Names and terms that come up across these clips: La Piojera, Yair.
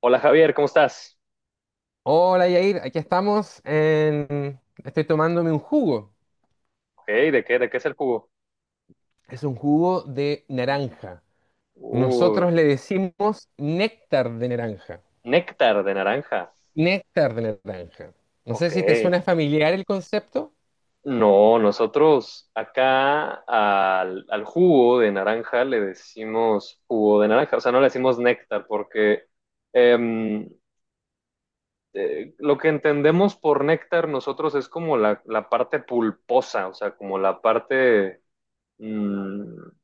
Hola Javier, ¿cómo estás? Hola Yair, aquí estamos en... Estoy tomándome un jugo. Ok, ¿de qué es el jugo? Es un jugo de naranja. Uh, Nosotros le decimos néctar de naranja. Néctar de naranja. Néctar de naranja. No sé Ok. si te suena familiar el concepto. No, nosotros acá al jugo de naranja le decimos jugo de naranja, o sea, no le decimos néctar porque em, lo que entendemos por néctar nosotros es como la parte pulposa, o sea, como la parte, mm,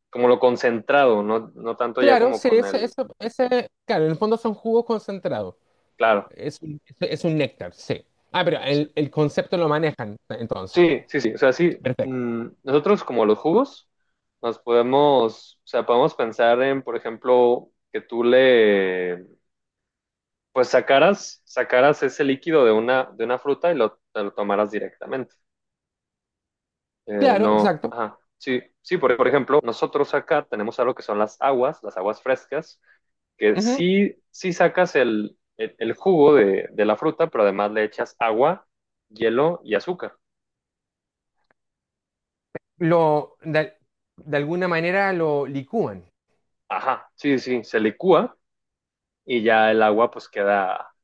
como lo concentrado, no, no tanto ya Claro, como sí, con el, claro, en el fondo son jugos concentrados. claro. Es un néctar, sí. Ah, pero Sí, el concepto lo manejan entonces. sí, sí, sí. O sea, sí, Perfecto. Nosotros como los jugos nos podemos, o sea, podemos pensar en, por ejemplo, que tú le, pues sacaras ese líquido de una fruta y te lo tomaras directamente. Claro, No, exacto. ajá. Sí, sí, por ejemplo, nosotros acá tenemos algo que son las aguas frescas, que Ujú. sí, sí sacas el jugo de la fruta, pero además le echas agua, hielo y azúcar. Lo, de, de alguna manera lo licúan. Ajá, sí, sí, se licúa y ya el agua pues queda,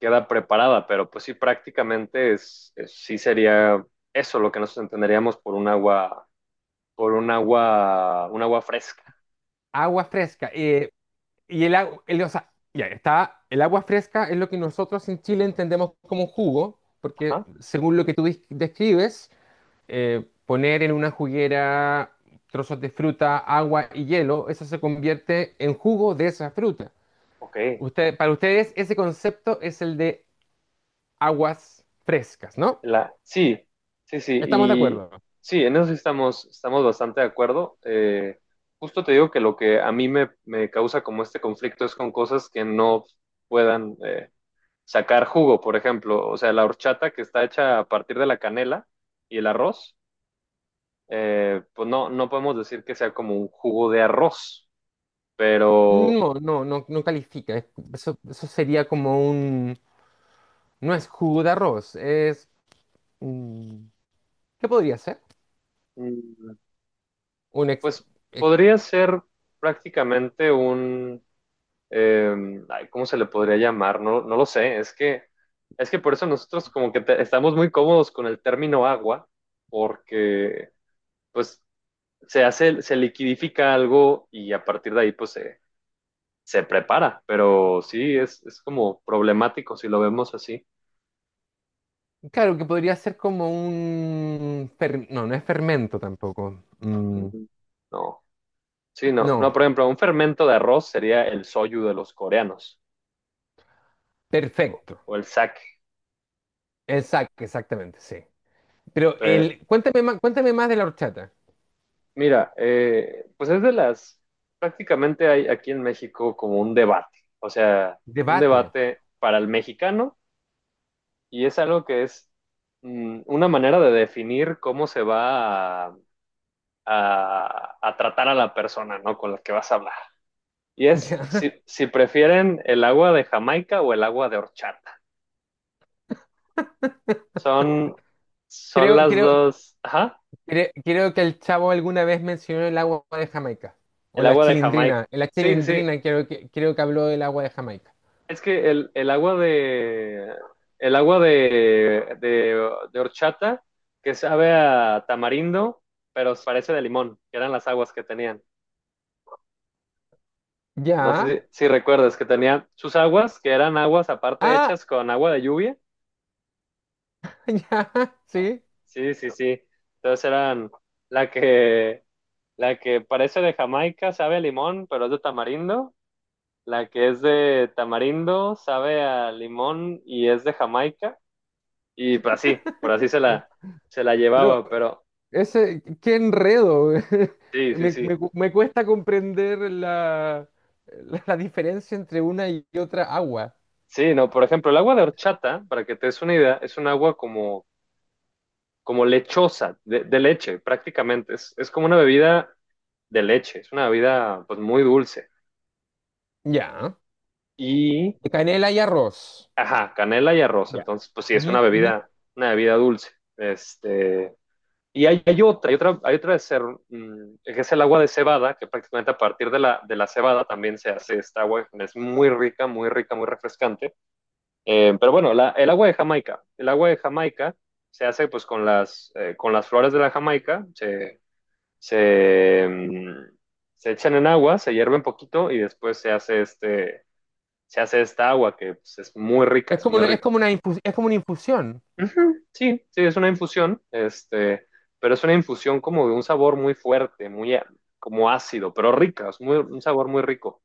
queda preparada, pero pues sí, prácticamente es, sí sería eso lo que nosotros entenderíamos por un agua fresca. Agua fresca. Y el agua, o sea, ya está, el agua fresca es lo que nosotros en Chile entendemos como jugo, porque Ajá, según lo que tú describes, poner en una juguera trozos de fruta, agua y hielo, eso se convierte en jugo de esa fruta. ok. Para ustedes ese concepto es el de aguas frescas, ¿no? Sí, sí, sí, ¿Estamos de y acuerdo? sí, en eso sí estamos bastante de acuerdo. Justo te digo que lo que a mí me causa como este conflicto es con cosas que no puedan sacar jugo, por ejemplo, o sea, la horchata que está hecha a partir de la canela y el arroz pues no, no podemos decir que sea como un jugo de arroz, pero No, no, no, no califica. Eso, eso sería como un... No es jugo de arroz, es... mm, ¿Qué podría ser? mm, un ex- pues ex- podría ser prácticamente eh, ay, ¿cómo se le podría llamar? No, no lo sé, es que por eso nosotros como que estamos muy cómodos con el término agua, porque pues se hace, se liquidifica algo y a partir de ahí pues se prepara, pero sí, es como problemático si lo vemos así. claro, que podría ser como un... no, no es fermento tampoco. Ujú. No. Sí, no, no, No, por ejemplo, un fermento de arroz sería el soyu de los coreanos o, perfecto. o el sake. Exacto, exactamente, sí. Pero Eh, cuéntame más de la horchata. Mira, pues es prácticamente hay aquí en México como un debate, o sea, un Debate. debate para el mexicano y es algo que es una manera de definir cómo se va a, a tratar a la persona, ¿no? Con la que vas a hablar. Y es Ya. si prefieren el agua de Jamaica o el agua de horchata. Son, son Creo, las creo, dos, ajá. Creo que el chavo alguna vez mencionó el agua de Jamaica. O El la agua de Jamaica. chilindrina. La Sí, sí, sí. chilindrina creo que habló del agua de Jamaica. Es que el agua de el agua de horchata que sabe a tamarindo, pero parece de limón, que eran las aguas que tenían. No Ya. sé si, si recuerdas que tenían sus aguas, que eran aguas aparte Ah, hechas con agua de lluvia. ya, sí. Sí, sí, sí. Entonces eran la que la que parece de Jamaica, sabe a limón, pero es de tamarindo. La que es de tamarindo, sabe a limón y es de Jamaica. Y pues así, por así se la Pero llevaba, pero ese, qué enredo. sí, sí, sí. Me cuesta comprender la diferencia entre una y otra agua. Sí, no, por ejemplo, el agua de horchata, para que te des una idea, es un agua como, como lechosa, de leche prácticamente. Es como una bebida de leche, es una bebida pues muy dulce. Ya. Y, Canela y arroz. ajá, canela y arroz, Ya. entonces pues sí, es Ujú, una ujú. bebida, una bebida dulce. Este, y hay otra, que es el agua de cebada, que prácticamente a partir de la cebada también se hace esta agua, es muy rica, muy rica, muy refrescante. Pero bueno, el agua de Jamaica. El agua de Jamaica se hace pues con las flores de la Jamaica, se, mm, se echan en agua, se hierve un poquito y después se hace esta agua que pues, es muy rica, Es es como muy una, rica. Es como una infusión. Ujú, sí, sí, es una infusión, este, pero es una infusión como de un sabor muy fuerte, como ácido, pero rica, es muy, un sabor muy rico.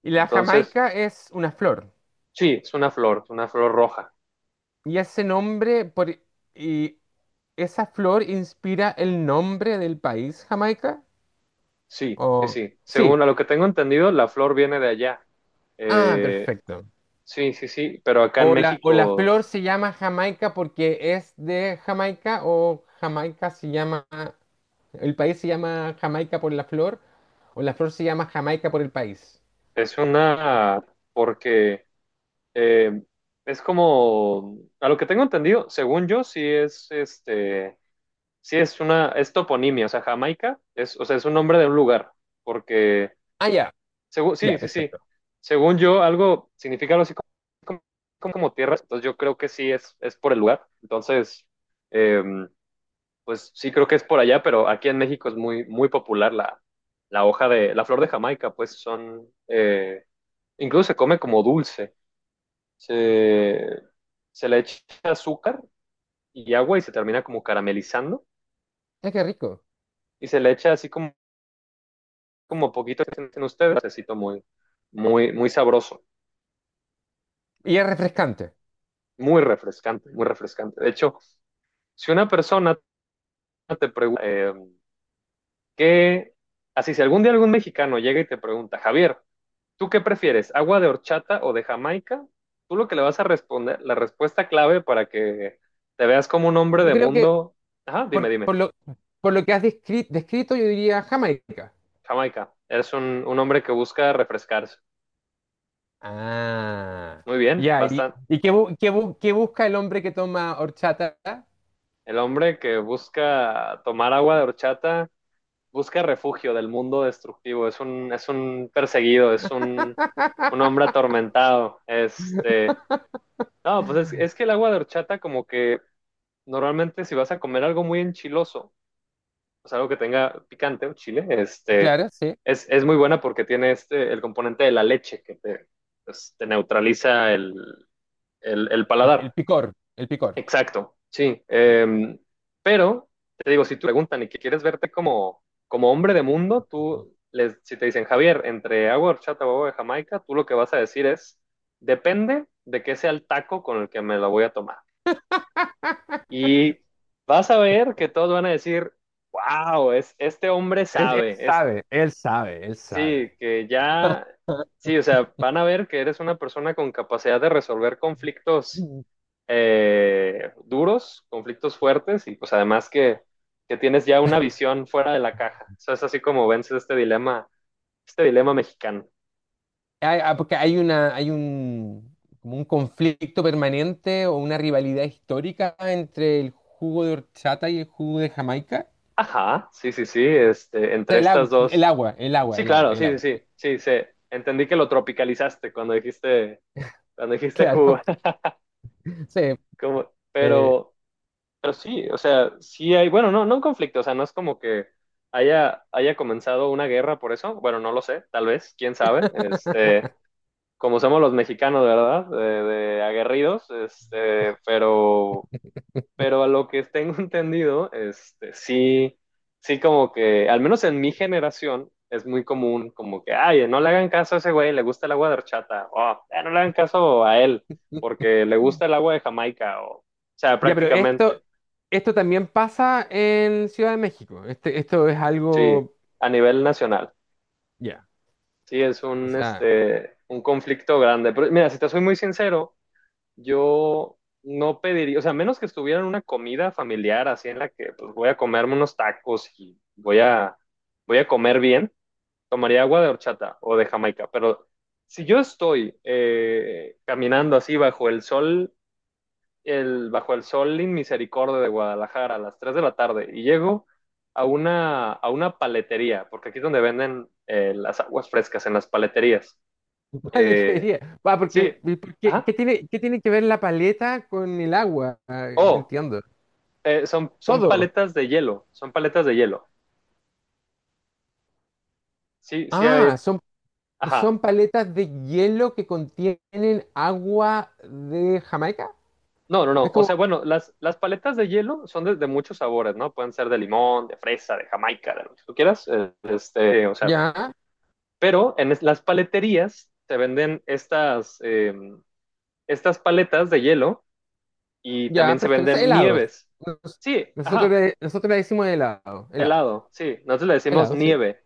Y la Entonces, jamaica es una flor. sí, es una flor roja. Y ese nombre, por, y esa flor inspira el nombre del país, Jamaica. Sí, sí, O, sí. sí. Según a lo que tengo entendido, la flor viene de allá. Ah, Eh, perfecto. sí, sí, sí, pero acá en O la México flor se llama Jamaica porque es de Jamaica, o Jamaica se llama, el país se llama Jamaica por la flor, o la flor se llama Jamaica por el país. es una, porque eh, es como, a lo que tengo entendido, según yo, sí es, este, sí es una, es toponimia, o sea, Jamaica, o sea, es un nombre de un lugar, porque, Ah, ya, según, sí, ya, sí, sí, perfecto. según yo, algo significa algo así como tierra, entonces yo creo que sí es por el lugar, entonces... em, pues sí creo que es por allá, pero aquí en México es muy, muy popular la flor de Jamaica, pues incluso se come como dulce, se, se le echa azúcar y agua y se termina como caramelizando Es que rico. y se le echa así como poquito que sienten ustedes, necesito muy, muy, muy sabroso, Y es refrescante. muy refrescante, muy refrescante. De hecho, si una persona te pregunta, ¿qué? Así, si algún día algún mexicano llega y te pregunta, Javier, ¿tú qué prefieres? ¿Agua de horchata o de Jamaica? Tú lo que le vas a responder, la respuesta clave para que te veas como un hombre Yo de creo que mundo. Ajá, dime, por, dime. por lo, por lo que has descrito, yo diría Jamaica. Jamaica. Eres un hombre que busca refrescarse. Ah, Muy bien, ya. ¿Y, bastante. Qué busca el hombre que toma horchata? El hombre que busca tomar agua de horchata busca refugio del mundo destructivo. Es un perseguido, es un hombre atormentado. No, pues es que el agua de horchata como que normalmente si vas a comer algo muy enchiloso, o sea, algo que tenga picante, un chile, este, Claro, sí. es, es muy buena porque tiene este, el componente de la leche que te neutraliza el paladar. El picor. Exacto, sí. Pero, te digo, si te preguntan y que quieres verte como, como hombre de mundo, tú, les, si te dicen, Javier, entre agua de horchata o agua de Jamaica, tú lo que vas a decir es, depende de qué sea el taco con el que me la voy a tomar. Y vas a ver que todos van a decir, wow, este hombre sabe, Él sí, sabe. que ya, sí, o sea, van a ver que eres una persona con capacidad de resolver conflictos Mm. Duros, conflictos fuertes y pues además que tienes ya una visión fuera de la caja. Eso es así como vences este dilema mexicano. Ah, porque hay una, hay un, como un conflicto permanente o una rivalidad histórica entre el jugo de horchata y el jugo de Jamaica. Ajá, sí, sí, sí, entre estas dos. Sí, claro, El sí, sí, agua. sí, sí, sé. Entendí que lo tropicalizaste cuando dijiste jugo, Claro, sí. como, eh, pero... Pero sí, o sea, sí hay, bueno, no, no un conflicto, o sea, no es como que haya comenzado una guerra por eso, bueno, no lo sé, tal vez, quién sabe, este, como somos los mexicanos, ¿verdad? De aguerridos, este, pero a lo que tengo entendido, este, sí, sí como que, al menos en mi generación, es muy común, como que, ay, no le hagan caso a ese güey, le gusta el agua de horchata, o "Ah, no le hagan caso a él, porque le gusta el agua de Jamaica, o sea, ya, pero esto, prácticamente. esto también pasa en Ciudad de México. Este, esto es Sí, algo, a nivel nacional. ya, Sí, es o un, sea, este, un conflicto grande. Pero mira, si te soy muy sincero, yo no pediría, o sea, a menos que estuviera en una comida familiar así en la que pues, voy a comerme unos tacos y voy a comer bien, tomaría agua de horchata o de Jamaica. Pero si yo estoy caminando así bajo el sol el Bajo el Sol en Misericordia de Guadalajara a las 3 de la tarde y llego a una paletería, porque aquí es donde venden las aguas frescas, en las paleterías. Eh, ¿sería? Va, sí, ajá. Qué tiene que ver la paleta con el agua? Ah, no Oh, entiendo. Son Todo. paletas de hielo, son paletas de hielo. Sí, sí hay, Ah, son, ajá. son paletas de hielo que contienen agua de Jamaica. No, no, no. Es O como, sea, bueno, las paletas de hielo son de muchos sabores, ¿no? Pueden ser de limón, de fresa, de jamaica, de lo que tú quieras. O sea, ya, pero en las paleterías te venden estas, estas paletas de hielo y también ya, se perfecto. O sea, venden helados. nieves. Nos- Sí, Nosotros, ajá, nosotros le decimos helado, helado, helado, sí. Nosotros le decimos helado, sí. nieve,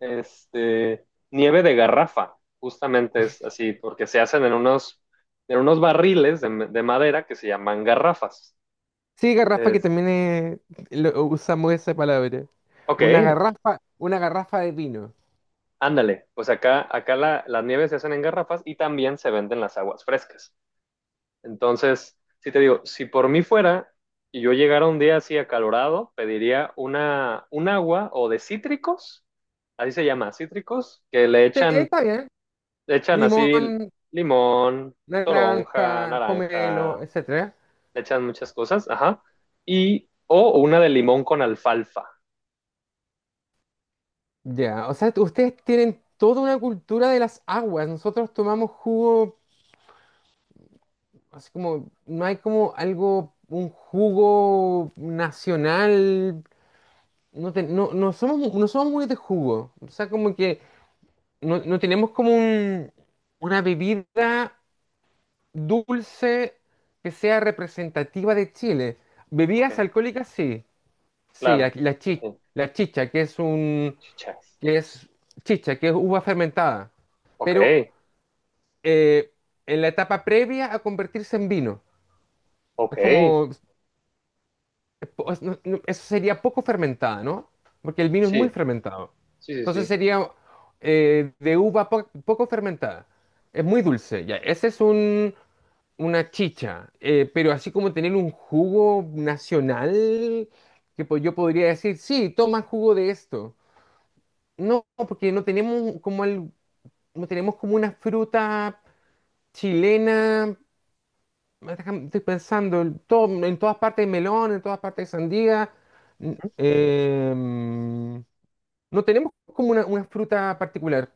este, nieve de garrafa, justamente es así, porque se hacen en unos barriles de madera que se llaman garrafas. Sí, garrafa que Es, también es- lo- usamos esa palabra. ok, Una garrafa de vino. ándale, pues acá, acá las nieves se hacen en garrafas y también se venden las aguas frescas. Entonces, sí te digo, si por mí fuera y yo llegara un día así acalorado, pediría un agua o de cítricos, así se llama, cítricos, que Sí, está bien. le echan así Limón, limón, naranja, toronja, pomelo, naranja, etcétera. le echan muchas cosas, ajá, y o una de limón con alfalfa, Ya, o sea, ustedes tienen toda una cultura de las aguas. Nosotros tomamos jugo. Así como, no hay como algo, un jugo nacional. No, no, no somos muy de jugo. O sea, como que no, no tenemos como una bebida dulce que sea representativa de Chile. ok, Bebidas alcohólicas, sí. Sí, claro, ujú, la chicha, chichas, que es chicha, que es uva fermentada. ok, Pero eh, en la etapa previa a convertirse en vino. Es ok, como pues, no, eso sería poco fermentada, ¿no? Porque el vino es muy sí, fermentado. sí, sí, Entonces sí, sería de uva poco fermentada. Es muy dulce, ya. Ese es un, una chicha. Pero así como tener un jugo nacional, que yo podría decir, sí, toma jugo de esto. No, porque no tenemos como no tenemos como una fruta chilena estoy pensando en, en todas partes hay melón, en todas partes hay sandía. N- em, no tenemos como una fruta particular.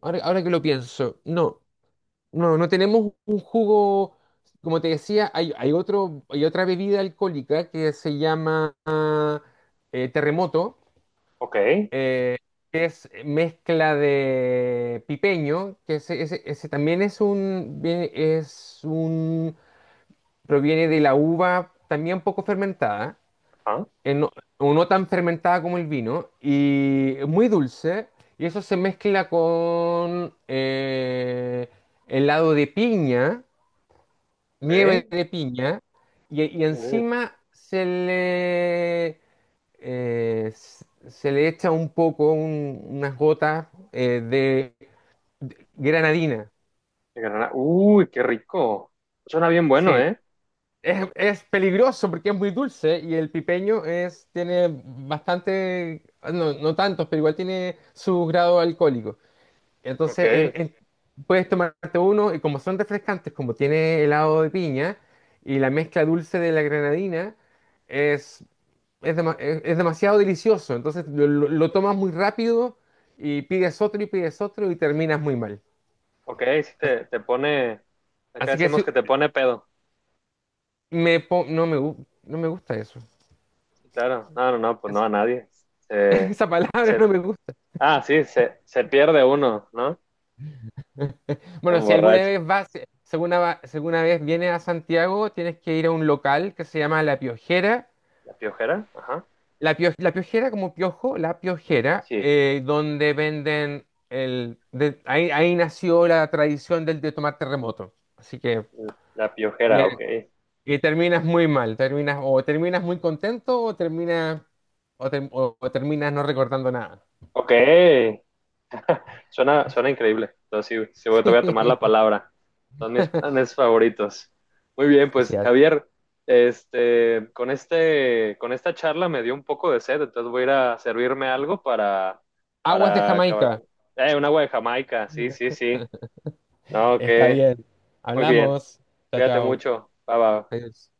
Ahora, ahora que lo pienso, no tenemos un jugo. Como te decía, hay otra bebida alcohólica que se llama terremoto, ok, eh, que es mezcla de pipeño, que ese también es un, es un, proviene de la uva también poco fermentada, ah, eh, no- o no tan fermentada como el vino, y es muy dulce, y eso se mezcla con helado de piña, nieve ok, de piña, y encima se le echa un poco, unas gotas de granadina. de granada. Uy, qué rico. Suena bien bueno, Sí, ¿eh? es peligroso porque es muy dulce y el pipeño es, tiene bastante, no, no tantos, pero igual tiene su grado alcohólico. Ok, Entonces puedes tomarte uno y como son refrescantes, como tiene helado de piña y la mezcla dulce de la granadina, es, es, es demasiado delicioso. Entonces lo tomas muy rápido y pides otro y pides otro y terminas muy mal. ok, si te pone, acá Así que decimos sí, que te pone pedo. me, po- no me, gu- no me gusta eso. Sí, claro, no, no, no, pues no Es- a nadie. Se, esa palabra se, no me gusta. ah, sí, se pierde uno, ¿no? Se Bueno, si alguna emborracha. vez vas, si alguna, va- si alguna vez vienes a Santiago, tienes que ir a un local que se llama La Piojera. ¿La Piojera? Ajá. La Piojera, como piojo, La Piojera, Sí, donde venden ahí, ahí nació la tradición del de tomar terremoto. Así que. la Y, Piojera, eh, ok. y terminas muy mal. Terminas, o terminas muy contento o terminas. O terminas no recordando nada. Ok, suena increíble. Entonces, sí, te voy a tomar la palabra. Son mis planes favoritos. Muy bien, Así pues es. Javier, este, con esta charla me dio un poco de sed, entonces voy a ir a servirme algo Aguas de para acabar Jamaica. con... Un agua de Jamaica, sí, sí, sí. No, Está bien. muy bien. Hablamos. Chao, Cuídate chao. mucho. Bye, bye. Adiós.